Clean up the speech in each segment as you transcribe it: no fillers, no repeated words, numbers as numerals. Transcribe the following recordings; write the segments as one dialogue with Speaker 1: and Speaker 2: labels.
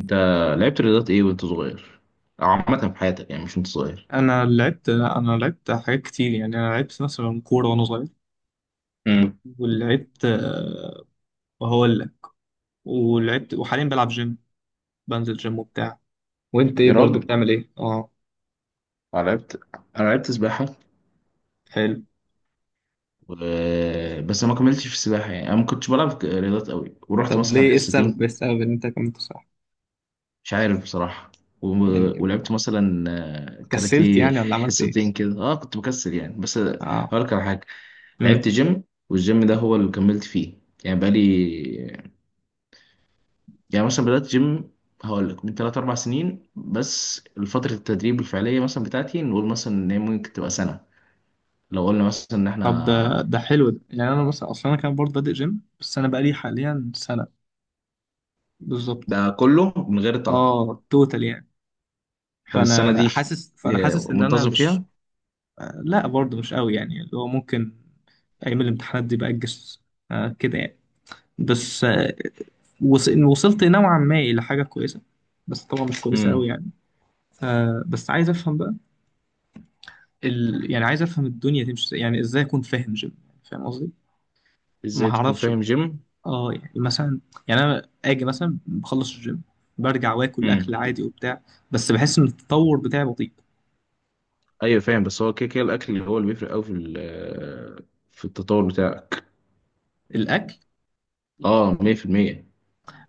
Speaker 1: انت لعبت رياضات ايه وانت صغير؟ او عامه في حياتك، يعني مش وانت صغير.
Speaker 2: انا لعبت حاجات كتير، يعني انا لعبت مثلا كوره وانا صغير.
Speaker 1: امم
Speaker 2: ولعبت آه، وهقول لك. وحاليا بلعب جيم، بنزل جيم وبتاع. وانت ايه
Speaker 1: يا
Speaker 2: برضو،
Speaker 1: راجل،
Speaker 2: بتعمل ايه؟ اه.
Speaker 1: انا لعبت انا لعبت سباحه
Speaker 2: حلو.
Speaker 1: و... بس أنا ما كملتش في السباحه، يعني انا ما كنتش بلعب رياضات قوي، ورحت
Speaker 2: طب
Speaker 1: مثلا
Speaker 2: ليه؟ ايه
Speaker 1: حصتين.
Speaker 2: السبب ايه السبب ان انت كملت؟ صح،
Speaker 1: مش عارف بصراحه و...
Speaker 2: يعني
Speaker 1: ولعبت مثلا
Speaker 2: كسلت
Speaker 1: كاراتيه
Speaker 2: يعني ولا عملت ايه؟
Speaker 1: حصتين كده. اه، كنت مكسل يعني، بس
Speaker 2: اه.
Speaker 1: هقول لك على حاجه.
Speaker 2: امم.
Speaker 1: لعبت جيم، والجيم ده هو اللي كملت فيه. يعني بقالي يعني مثلا بدأت جيم، هقول لك من 3 4 سنين بس. فترة التدريب الفعلية مثلا بتاعتي، نقول مثلا ان هي ممكن تبقى سنة. لو قلنا مثلا ان
Speaker 2: طب
Speaker 1: احنا
Speaker 2: ده حلو ده، يعني انا مثلا اصلا انا كان برضه بادئ جيم، بس انا بقالي حاليا سنه. بالظبط.
Speaker 1: ده كله من غير تقطع.
Speaker 2: اه توتال يعني.
Speaker 1: طب السنة
Speaker 2: فانا
Speaker 1: دي
Speaker 2: حاسس فانا حاسس ان انا
Speaker 1: منتظم
Speaker 2: مش...
Speaker 1: فيها؟
Speaker 2: لا برضه مش قوي، يعني اللي هو ممكن ايام الامتحانات دي باجز، كده يعني. بس، إن وصلت نوعا ما الى حاجه كويسه، بس طبعا مش كويسه قوي
Speaker 1: امم
Speaker 2: يعني. بس عايز افهم بقى، يعني عايز افهم الدنيا تمشي ازاي، يعني ازاي اكون فاهم جيم؟ فاهم قصدي؟ ما
Speaker 1: ازاي تكون
Speaker 2: هعرفش
Speaker 1: فاهم
Speaker 2: بقى.
Speaker 1: جيم؟
Speaker 2: اه يعني مثلا، يعني انا اجي مثلا بخلص الجيم، برجع واكل
Speaker 1: امم
Speaker 2: اكل عادي وبتاع، بس بحس ان التطور بتاعي بطيء.
Speaker 1: ايوه فاهم، بس هو كده كده الاكل اللي هو اللي بيفرق قوي في التطور بتاعك.
Speaker 2: الاكل؟
Speaker 1: اه، 100%.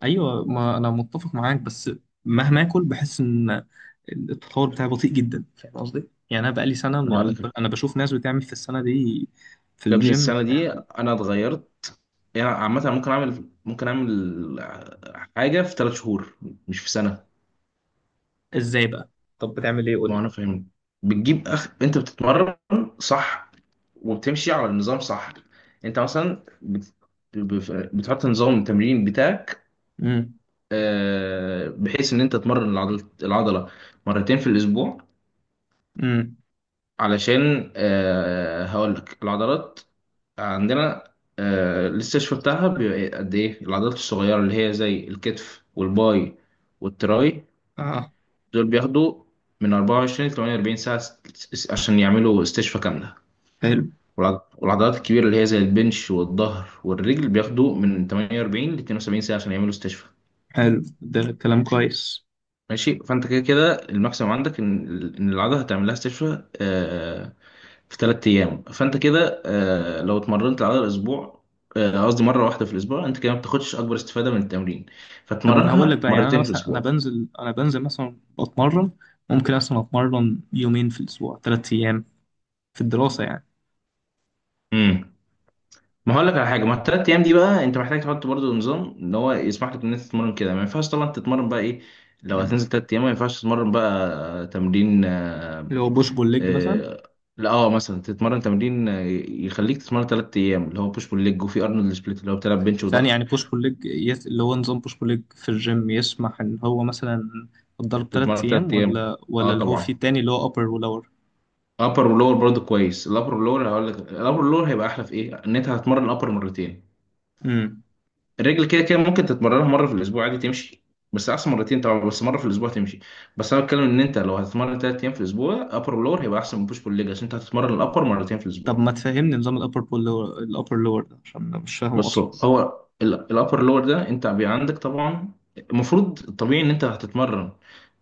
Speaker 2: ايوه، ما انا متفق معاك، بس مهما اكل بحس ان التطور بتاعي بطيء جدا. فاهم قصدي؟ يعني انا بقالي سنه،
Speaker 1: انا هقول لك،
Speaker 2: انا بشوف ناس بتعمل في السنه دي في
Speaker 1: يا ابني
Speaker 2: الجيم،
Speaker 1: السنة دي
Speaker 2: بتعمل
Speaker 1: انا اتغيرت، يعني عامة ممكن أعمل، حاجة في 3 شهور مش في سنة.
Speaker 2: ازاي بقى؟ طب بتعمل ايه؟ قول
Speaker 1: ما
Speaker 2: لي.
Speaker 1: أنا فاهم، بتجيب أخ أنت بتتمرن، صح؟ وبتمشي على النظام، صح؟ أنت مثلا بتحط نظام التمرين بتاعك،
Speaker 2: امم.
Speaker 1: بحيث إن أنت تمرن العضلة مرتين في الأسبوع،
Speaker 2: امم.
Speaker 1: علشان هقول لك العضلات عندنا الاستشفاء بتاعها بيبقى قد إيه. العضلات الصغيرة اللي هي زي الكتف والباي والتراي
Speaker 2: اه
Speaker 1: دول بياخدوا من 24 ل 48 ساعة، عشان يعملوا استشفاء كاملة.
Speaker 2: حلو.
Speaker 1: والعضلات الكبيرة اللي هي زي البنش والظهر والرجل بياخدوا من 48 ل 72 ساعة عشان يعملوا استشفاء.
Speaker 2: حلو، ده كلام كويس.
Speaker 1: ماشي، فأنت كده كده الماكسيمم عندك إن إن العضلة هتعمل لها استشفاء في 3 أيام. فأنت كده لو اتمرنت العضلة أسبوع، قصدي مرة واحدة في الأسبوع، أنت كده ما بتاخدش أكبر استفادة من التمرين،
Speaker 2: طب ما انا هقول لك
Speaker 1: فتمرنها
Speaker 2: بقى، يعني انا
Speaker 1: مرتين في
Speaker 2: مثلا انا
Speaker 1: الأسبوع.
Speaker 2: بنزل انا بنزل مثلا بتمرن، ممكن اصلا اتمرن يومين في الاسبوع، 3 ايام في الدراسه يعني.
Speaker 1: مم. ما هقول لك على حاجه، ما الثلاث ايام دي بقى انت محتاج تحط برضو نظام ان هو يسمح لك ان انت تتمرن كده. ما ينفعش طبعا تتمرن بقى ايه، لو
Speaker 2: مم.
Speaker 1: هتنزل 3 ايام ما ينفعش تتمرن بقى تمرين
Speaker 2: اللي هو بوش بول ليج مثلا.
Speaker 1: آه، لا، مثلا تتمرن تمرين يخليك تتمرن 3 ايام، اللي هو بوش بول ليج، وفي ارنولد سبليت اللي هو بتلعب بنش
Speaker 2: ثاني
Speaker 1: وظهر.
Speaker 2: يعني بوش بول ليج، اللي هو نظام بوش بول ليج في الجيم يسمح ان هو مثلا الضرب تلات
Speaker 1: تتمرن
Speaker 2: ايام
Speaker 1: ثلاث ايام،
Speaker 2: ولا
Speaker 1: اه
Speaker 2: اللي هو فيه
Speaker 1: طبعا.
Speaker 2: تاني اللي هو upper و lower.
Speaker 1: ابر ولور برضو كويس. الابر ولور هقول لك، الابر ولور هيبقى احلى في ايه، ان انت هتتمرن الابر مرتين.
Speaker 2: امم.
Speaker 1: الرجل كده كده ممكن تتمرنها مره في الاسبوع عادي تمشي، بس احسن مرتين طبعا، بس مره في الاسبوع تمشي. بس انا بتكلم ان انت لو هتتمرن 3 ايام في الاسبوع، ابر ولور هيبقى احسن من بوش بول ليج، عشان انت هتتمرن الابر مرتين في
Speaker 2: طب
Speaker 1: الاسبوع.
Speaker 2: ما تفهمني نظام الابر بول lower، الابر لور ده، عشان أنا مش فاهمه
Speaker 1: بص،
Speaker 2: اصلا.
Speaker 1: هو الابر لور ده انت بيبقى عندك طبعا، المفروض الطبيعي ان انت هتتمرن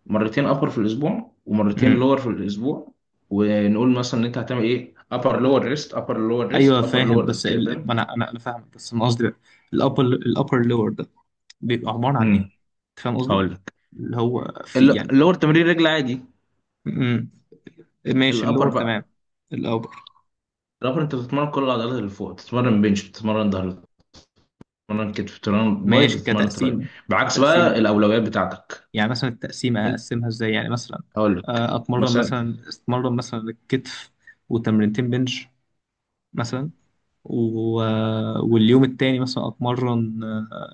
Speaker 1: مرتين ابر في الاسبوع ومرتين
Speaker 2: امم.
Speaker 1: لور في الاسبوع. ونقول مثلا ان انت هتعمل ايه، ابر لور ريست، ابر لور
Speaker 2: ايوه
Speaker 1: ريست، ابر
Speaker 2: فاهم،
Speaker 1: لور،
Speaker 2: بس
Speaker 1: كده فاهم.
Speaker 2: ما انا فاهمك، بس انا قصدي بقى الابر لور ده بيبقى عباره عن ايه؟
Speaker 1: امم،
Speaker 2: انت فاهم قصدي؟
Speaker 1: هقول لك.
Speaker 2: اللي هو في يعني.
Speaker 1: اللور تمرين رجل عادي.
Speaker 2: امم. ماشي،
Speaker 1: الابر
Speaker 2: اللور تمام.
Speaker 1: بقى،
Speaker 2: الابر.
Speaker 1: رابر انت بتتمرن كل العضلات اللي فوق، بتتمرن بنش، بتتمرن ظهر، بتتمرن كتف، بتتمرن باي،
Speaker 2: ماشي
Speaker 1: بتتمرن تراي،
Speaker 2: كتقسيمه.
Speaker 1: بعكس بقى
Speaker 2: كتقسيمه بقى،
Speaker 1: الاولويات بتاعتك.
Speaker 2: يعني مثلا التقسيمة
Speaker 1: انت
Speaker 2: أقسمها إزاي؟ يعني مثلا
Speaker 1: هقول لك
Speaker 2: أتمرن
Speaker 1: مثلا،
Speaker 2: مثلا أتمرن مثلا الكتف وتمرينتين بنش مثلا، و... آه، واليوم التاني مثلا أتمرن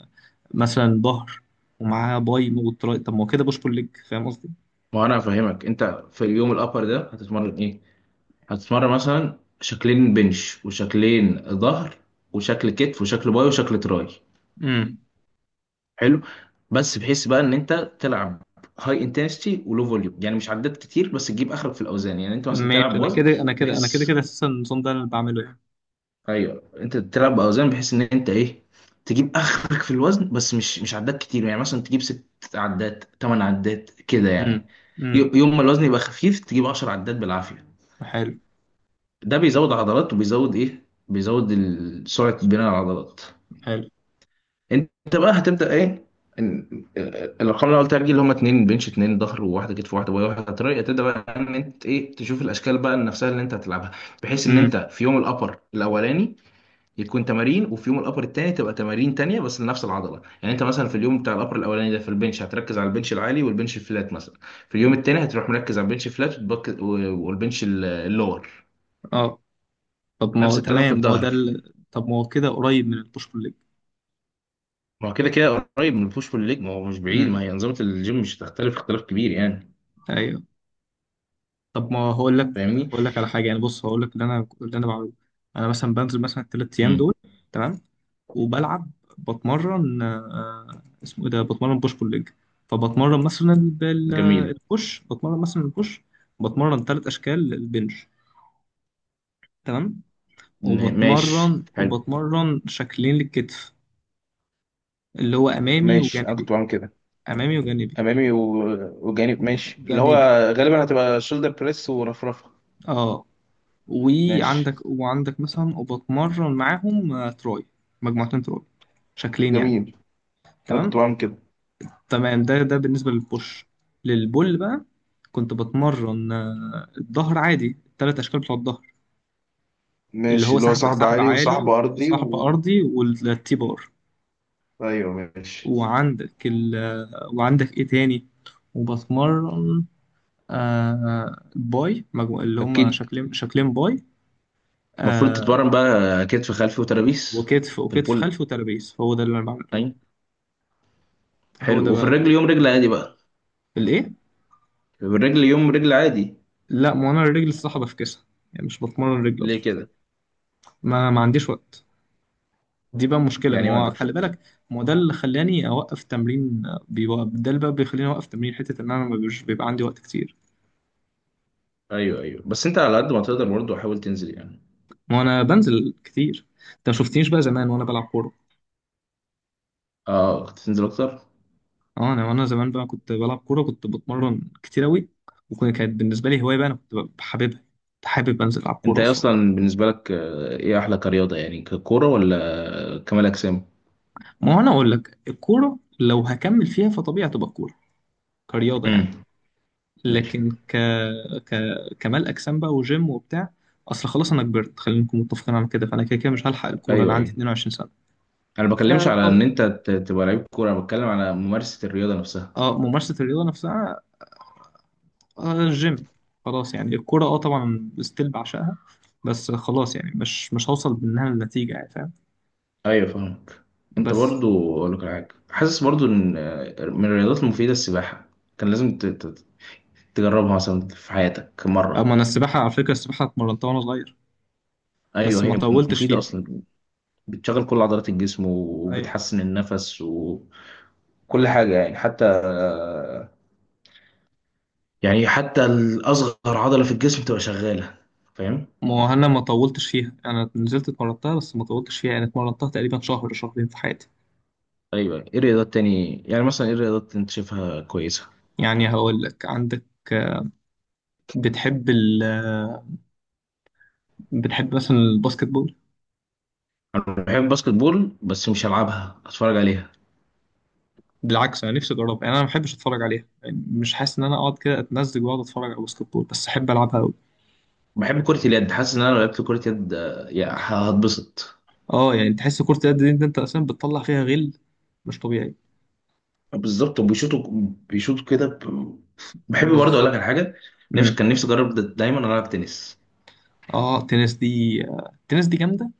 Speaker 2: مثلا ظهر ومعاها باي وتراي، طب ما هو كده بوش بول ليج، فاهم قصدي؟
Speaker 1: ما هو انا هفهمك. انت في اليوم الابر ده هتتمرن ايه؟ هتتمرن مثلا شكلين بنش وشكلين ظهر وشكل كتف وشكل باي وشكل تراي.
Speaker 2: امم.
Speaker 1: حلو. بس بحيث بقى ان انت تلعب هاي انتنستي ولو فوليوم، يعني مش عدات كتير بس تجيب اخرك في الاوزان، يعني انت مثلا
Speaker 2: ماشي،
Speaker 1: تلعب
Speaker 2: أنا
Speaker 1: وزن
Speaker 2: كده أنا كده أنا كده
Speaker 1: بحيث،
Speaker 2: كده أساسا النظام ده أنا اللي بعمله يعني.
Speaker 1: ايوه، انت تلعب باوزان بحيث ان انت ايه، تجيب اخرك في الوزن، بس مش عدات كتير، يعني مثلا تجيب 6 عدات 8 عدات كده يعني.
Speaker 2: امم. امم.
Speaker 1: يوم ما الوزن يبقى خفيف تجيب 10 عدات بالعافيه.
Speaker 2: حلو.
Speaker 1: ده بيزود عضلات وبيزود ايه، بيزود سرعه بناء العضلات.
Speaker 2: حلو.
Speaker 1: انت بقى هتبدا ايه، إن- الارقام اللي قلت لك دي، اللي هم اتنين بنش اتنين ظهر وواحده كتف واحده باي واحده تراي، هتبدا بقى ان انت ايه، تشوف الاشكال بقى نفسها اللي انت هتلعبها، بحيث ان
Speaker 2: امم.
Speaker 1: انت في يوم الابر الاولاني يكون تمارين، وفي يوم الابر التاني تبقى تمارين تانية بس لنفس العضله، يعني انت مثلا في اليوم بتاع الابر الاولاني ده في البنش هتركز على البنش العالي والبنش الفلات مثلا، في اليوم التاني هتروح مركز على البنش الفلات، والبنش اللور.
Speaker 2: اه. طب ما هو
Speaker 1: نفس الكلام في
Speaker 2: تمام، ما هو ده
Speaker 1: الظهر.
Speaker 2: طب ما هو كده قريب من البوش بول ليج.
Speaker 1: ما هو كده كده قريب من البوش بول ليج، ما هو مش بعيد،
Speaker 2: امم.
Speaker 1: ما هي انظمه الجيم مش هتختلف اختلاف كبير يعني.
Speaker 2: أيوه. طب ما هقول لك
Speaker 1: فاهمني؟
Speaker 2: هقول لك على حاجه يعني. بص هقول لك اللي انا بعمله. انا مثلا بنزل مثلا ال3 ايام
Speaker 1: امم.
Speaker 2: دول، تمام. وبلعب، بتمرن اسمه ايه ده، بتمرن بوش بول ليج. فبتمرن مثلا
Speaker 1: جميل.
Speaker 2: البوش، بتمرن مثلا البوش، بتمرن 3 اشكال البنج، تمام.
Speaker 1: ن- ماشي،
Speaker 2: وبتمرن
Speaker 1: حلو.
Speaker 2: وبتمرن شكلين للكتف، اللي هو امامي
Speaker 1: ماشي، انا كنت
Speaker 2: وجانبي،
Speaker 1: بعمل كده.
Speaker 2: امامي وجانبي،
Speaker 1: امامي وجانب، ماشي، اللي هو
Speaker 2: جانبي.
Speaker 1: غالبا هتبقى شولدر بريس ورفرفه.
Speaker 2: اه،
Speaker 1: ماشي.
Speaker 2: وعندك مثلا وبتمرن معاهم تراي، مجموعتين تراي، شكلين يعني،
Speaker 1: جميل. انا كنت
Speaker 2: تمام.
Speaker 1: بعمل كده.
Speaker 2: تمام، ده بالنسبة للبوش. للبول بقى، كنت بتمرن الظهر عادي، ال3 أشكال بتوع الظهر، اللي
Speaker 1: ماشي،
Speaker 2: هو
Speaker 1: اللي هو
Speaker 2: سحب
Speaker 1: صاحب
Speaker 2: سحب
Speaker 1: عالي وصاحب
Speaker 2: عالي
Speaker 1: أرضي
Speaker 2: وسحب
Speaker 1: و...
Speaker 2: أرضي والتي بار،
Speaker 1: أيوه ماشي.
Speaker 2: وعندك إيه تاني؟ وبتمرن باي، مجموع اللي هما
Speaker 1: اكيد.
Speaker 2: شكلين، شكلين باي.
Speaker 1: المفروض
Speaker 2: آه
Speaker 1: تتمرن بقى كتف خلفي وترابيس.
Speaker 2: وكتف
Speaker 1: في
Speaker 2: وكتف
Speaker 1: البول،
Speaker 2: خلفي وترابيز، هو ده اللي أنا بعمله.
Speaker 1: ايوه.
Speaker 2: هو
Speaker 1: حلو،
Speaker 2: ده
Speaker 1: وفي
Speaker 2: بقى
Speaker 1: الرجل يوم رجل عادي بقى.
Speaker 2: الايه.
Speaker 1: في الرجل يوم رجل عادي.
Speaker 2: لا، ما هو انا الرجل الصح بفكسها، يعني مش بتمرن رجل اصلا.
Speaker 1: ليه كده؟
Speaker 2: ما عنديش وقت. دي بقى مشكله،
Speaker 1: يعني
Speaker 2: ما
Speaker 1: ما
Speaker 2: هو
Speaker 1: عندكش
Speaker 2: خلي
Speaker 1: وقت؟
Speaker 2: بالك، ما هو ده اللي خلاني اوقف تمرين. بيوقف، ده اللي بقى بيخليني اوقف تمرين، حته ان انا ما بيبقاش بيبقى عندي وقت كتير.
Speaker 1: ايوه ايوه، بس انت على قد ما تقدر برضه حاول تنزل يعني.
Speaker 2: ما هو انا بنزل كتير، انت ما شفتنيش بقى زمان وانا بلعب كوره.
Speaker 1: اه، تنزل اكتر.
Speaker 2: اه، انا وانا زمان بقى كنت بلعب كوره، كنت بتمرن كتير قوي، وكانت بالنسبه لي هوايه بقى. انا كنت بحببها، كنت حابب انزل العب
Speaker 1: انت
Speaker 2: كوره
Speaker 1: إيه
Speaker 2: اصلا.
Speaker 1: اصلا بالنسبه لك ايه احلى كرياضه، يعني ككوره ولا كمال اجسام؟
Speaker 2: ما هو انا اقول لك، الكوره لو هكمل فيها فطبيعي تبقى كوره، كرياضه يعني.
Speaker 1: امم. ماشي.
Speaker 2: لكن ك... كمال اجسام بقى وجيم وبتاع، اصل خلاص انا كبرت، خلينا نكون متفقين على كده، فانا كده كده مش هلحق الكوره، انا
Speaker 1: ايوه
Speaker 2: عندي
Speaker 1: ايوه،
Speaker 2: 22 سنه.
Speaker 1: انا ما بكلمش على ان
Speaker 2: فطب...
Speaker 1: انت تبقى لعيب كوره، انا بتكلم على ممارسه الرياضه نفسها.
Speaker 2: اه ممارسه الرياضه نفسها، الجيم. خلاص يعني الكوره اه طبعا ستيل بعشقها، بس خلاص يعني مش هوصل منها لنتيجه، يعني فاهم؟
Speaker 1: ايوه فاهمك. انت
Speaker 2: بس.
Speaker 1: برضو اقول لك على حاجه، حاسس برضو ان من الرياضات المفيده السباحه، كان لازم تجربها مثلا في حياتك مره.
Speaker 2: اما انا السباحه، على فكره السباحه اتمرنتها وانا صغير بس
Speaker 1: ايوه
Speaker 2: ما
Speaker 1: هي
Speaker 2: طولتش
Speaker 1: مفيده
Speaker 2: فيها.
Speaker 1: اصلا، بتشغل كل عضلات الجسم
Speaker 2: أيوة.
Speaker 1: وبتحسن النفس وكل حاجه يعني، حتى يعني حتى الاصغر عضله في الجسم تبقى شغاله، فاهم.
Speaker 2: ما هو انا ما طولتش فيها، انا نزلت اتمرنتها بس ما طولتش فيها يعني، اتمرنتها تقريبا شهر شهرين في حياتي.
Speaker 1: ايوه، ايه الرياضات تاني يعني، مثلا ايه الرياضات انت شايفها كويسه؟
Speaker 2: يعني هقول لك، عندك، بتحب ال بتحب مثلا الباسكت بول؟
Speaker 1: انا بحب الباسكت بول، بس مش هلعبها، اتفرج عليها.
Speaker 2: بالعكس، انا نفسي اجربها، يعني انا ما بحبش اتفرج عليها، يعني مش حاسس ان انا اقعد كده اتمزج واقعد اتفرج على باسكت بول، بس احب العبها قوي.
Speaker 1: بحب كرة اليد، حاسس ان انا لو لعبت كرة يد يعني هتبسط.
Speaker 2: اه، يعني تحس كرة اليد دي، انت اصلا بتطلع فيها غل، مش طبيعي.
Speaker 1: بالظبط، وبيشوطوا، بيشوطوا كده ب... بحب برضه اقول
Speaker 2: بالظبط.
Speaker 1: لك على حاجة، نفسي،
Speaker 2: امم.
Speaker 1: كان نفسي اجرب دايما العب تنس.
Speaker 2: اه التنس دي التنس دي جامده،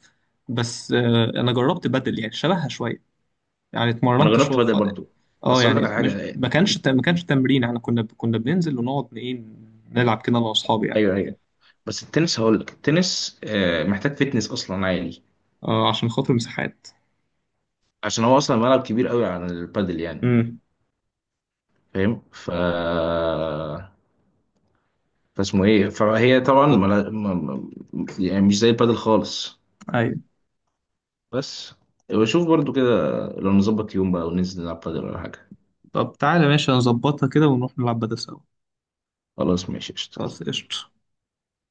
Speaker 2: بس انا جربت بدل، يعني شبهها شويه، يعني
Speaker 1: ما انا
Speaker 2: اتمرنت
Speaker 1: جربت
Speaker 2: شويه
Speaker 1: بدل برضه.
Speaker 2: اه
Speaker 1: بس اقول لك
Speaker 2: يعني،
Speaker 1: على
Speaker 2: مش
Speaker 1: حاجة،
Speaker 2: ما كانش ت- ما كانش تمرين، احنا كنا بننزل ونقعد ايه، نلعب كده انا واصحابي يعني.
Speaker 1: ايوه ايوه، بس التنس هقول لك، التنس محتاج فتنس اصلا عالي،
Speaker 2: عشان خاطر المساحات.
Speaker 1: عشان هو اصلا ملعب كبير قوي عن البادل يعني، فاهم؟ ف فاسمه ايه، فهي طبعا
Speaker 2: بالظبط.
Speaker 1: يعني مش زي البادل خالص.
Speaker 2: ايوه.
Speaker 1: بس، وشوف برضو كده، لو نظبط يوم بقى وننزل نلعب بدل ولا حاجة.
Speaker 2: طب تعالى، ماشي نظبطها كده ونروح نلعب بدل سوا.
Speaker 1: خلاص ماشي، قشطة.
Speaker 2: خلاص قشطة.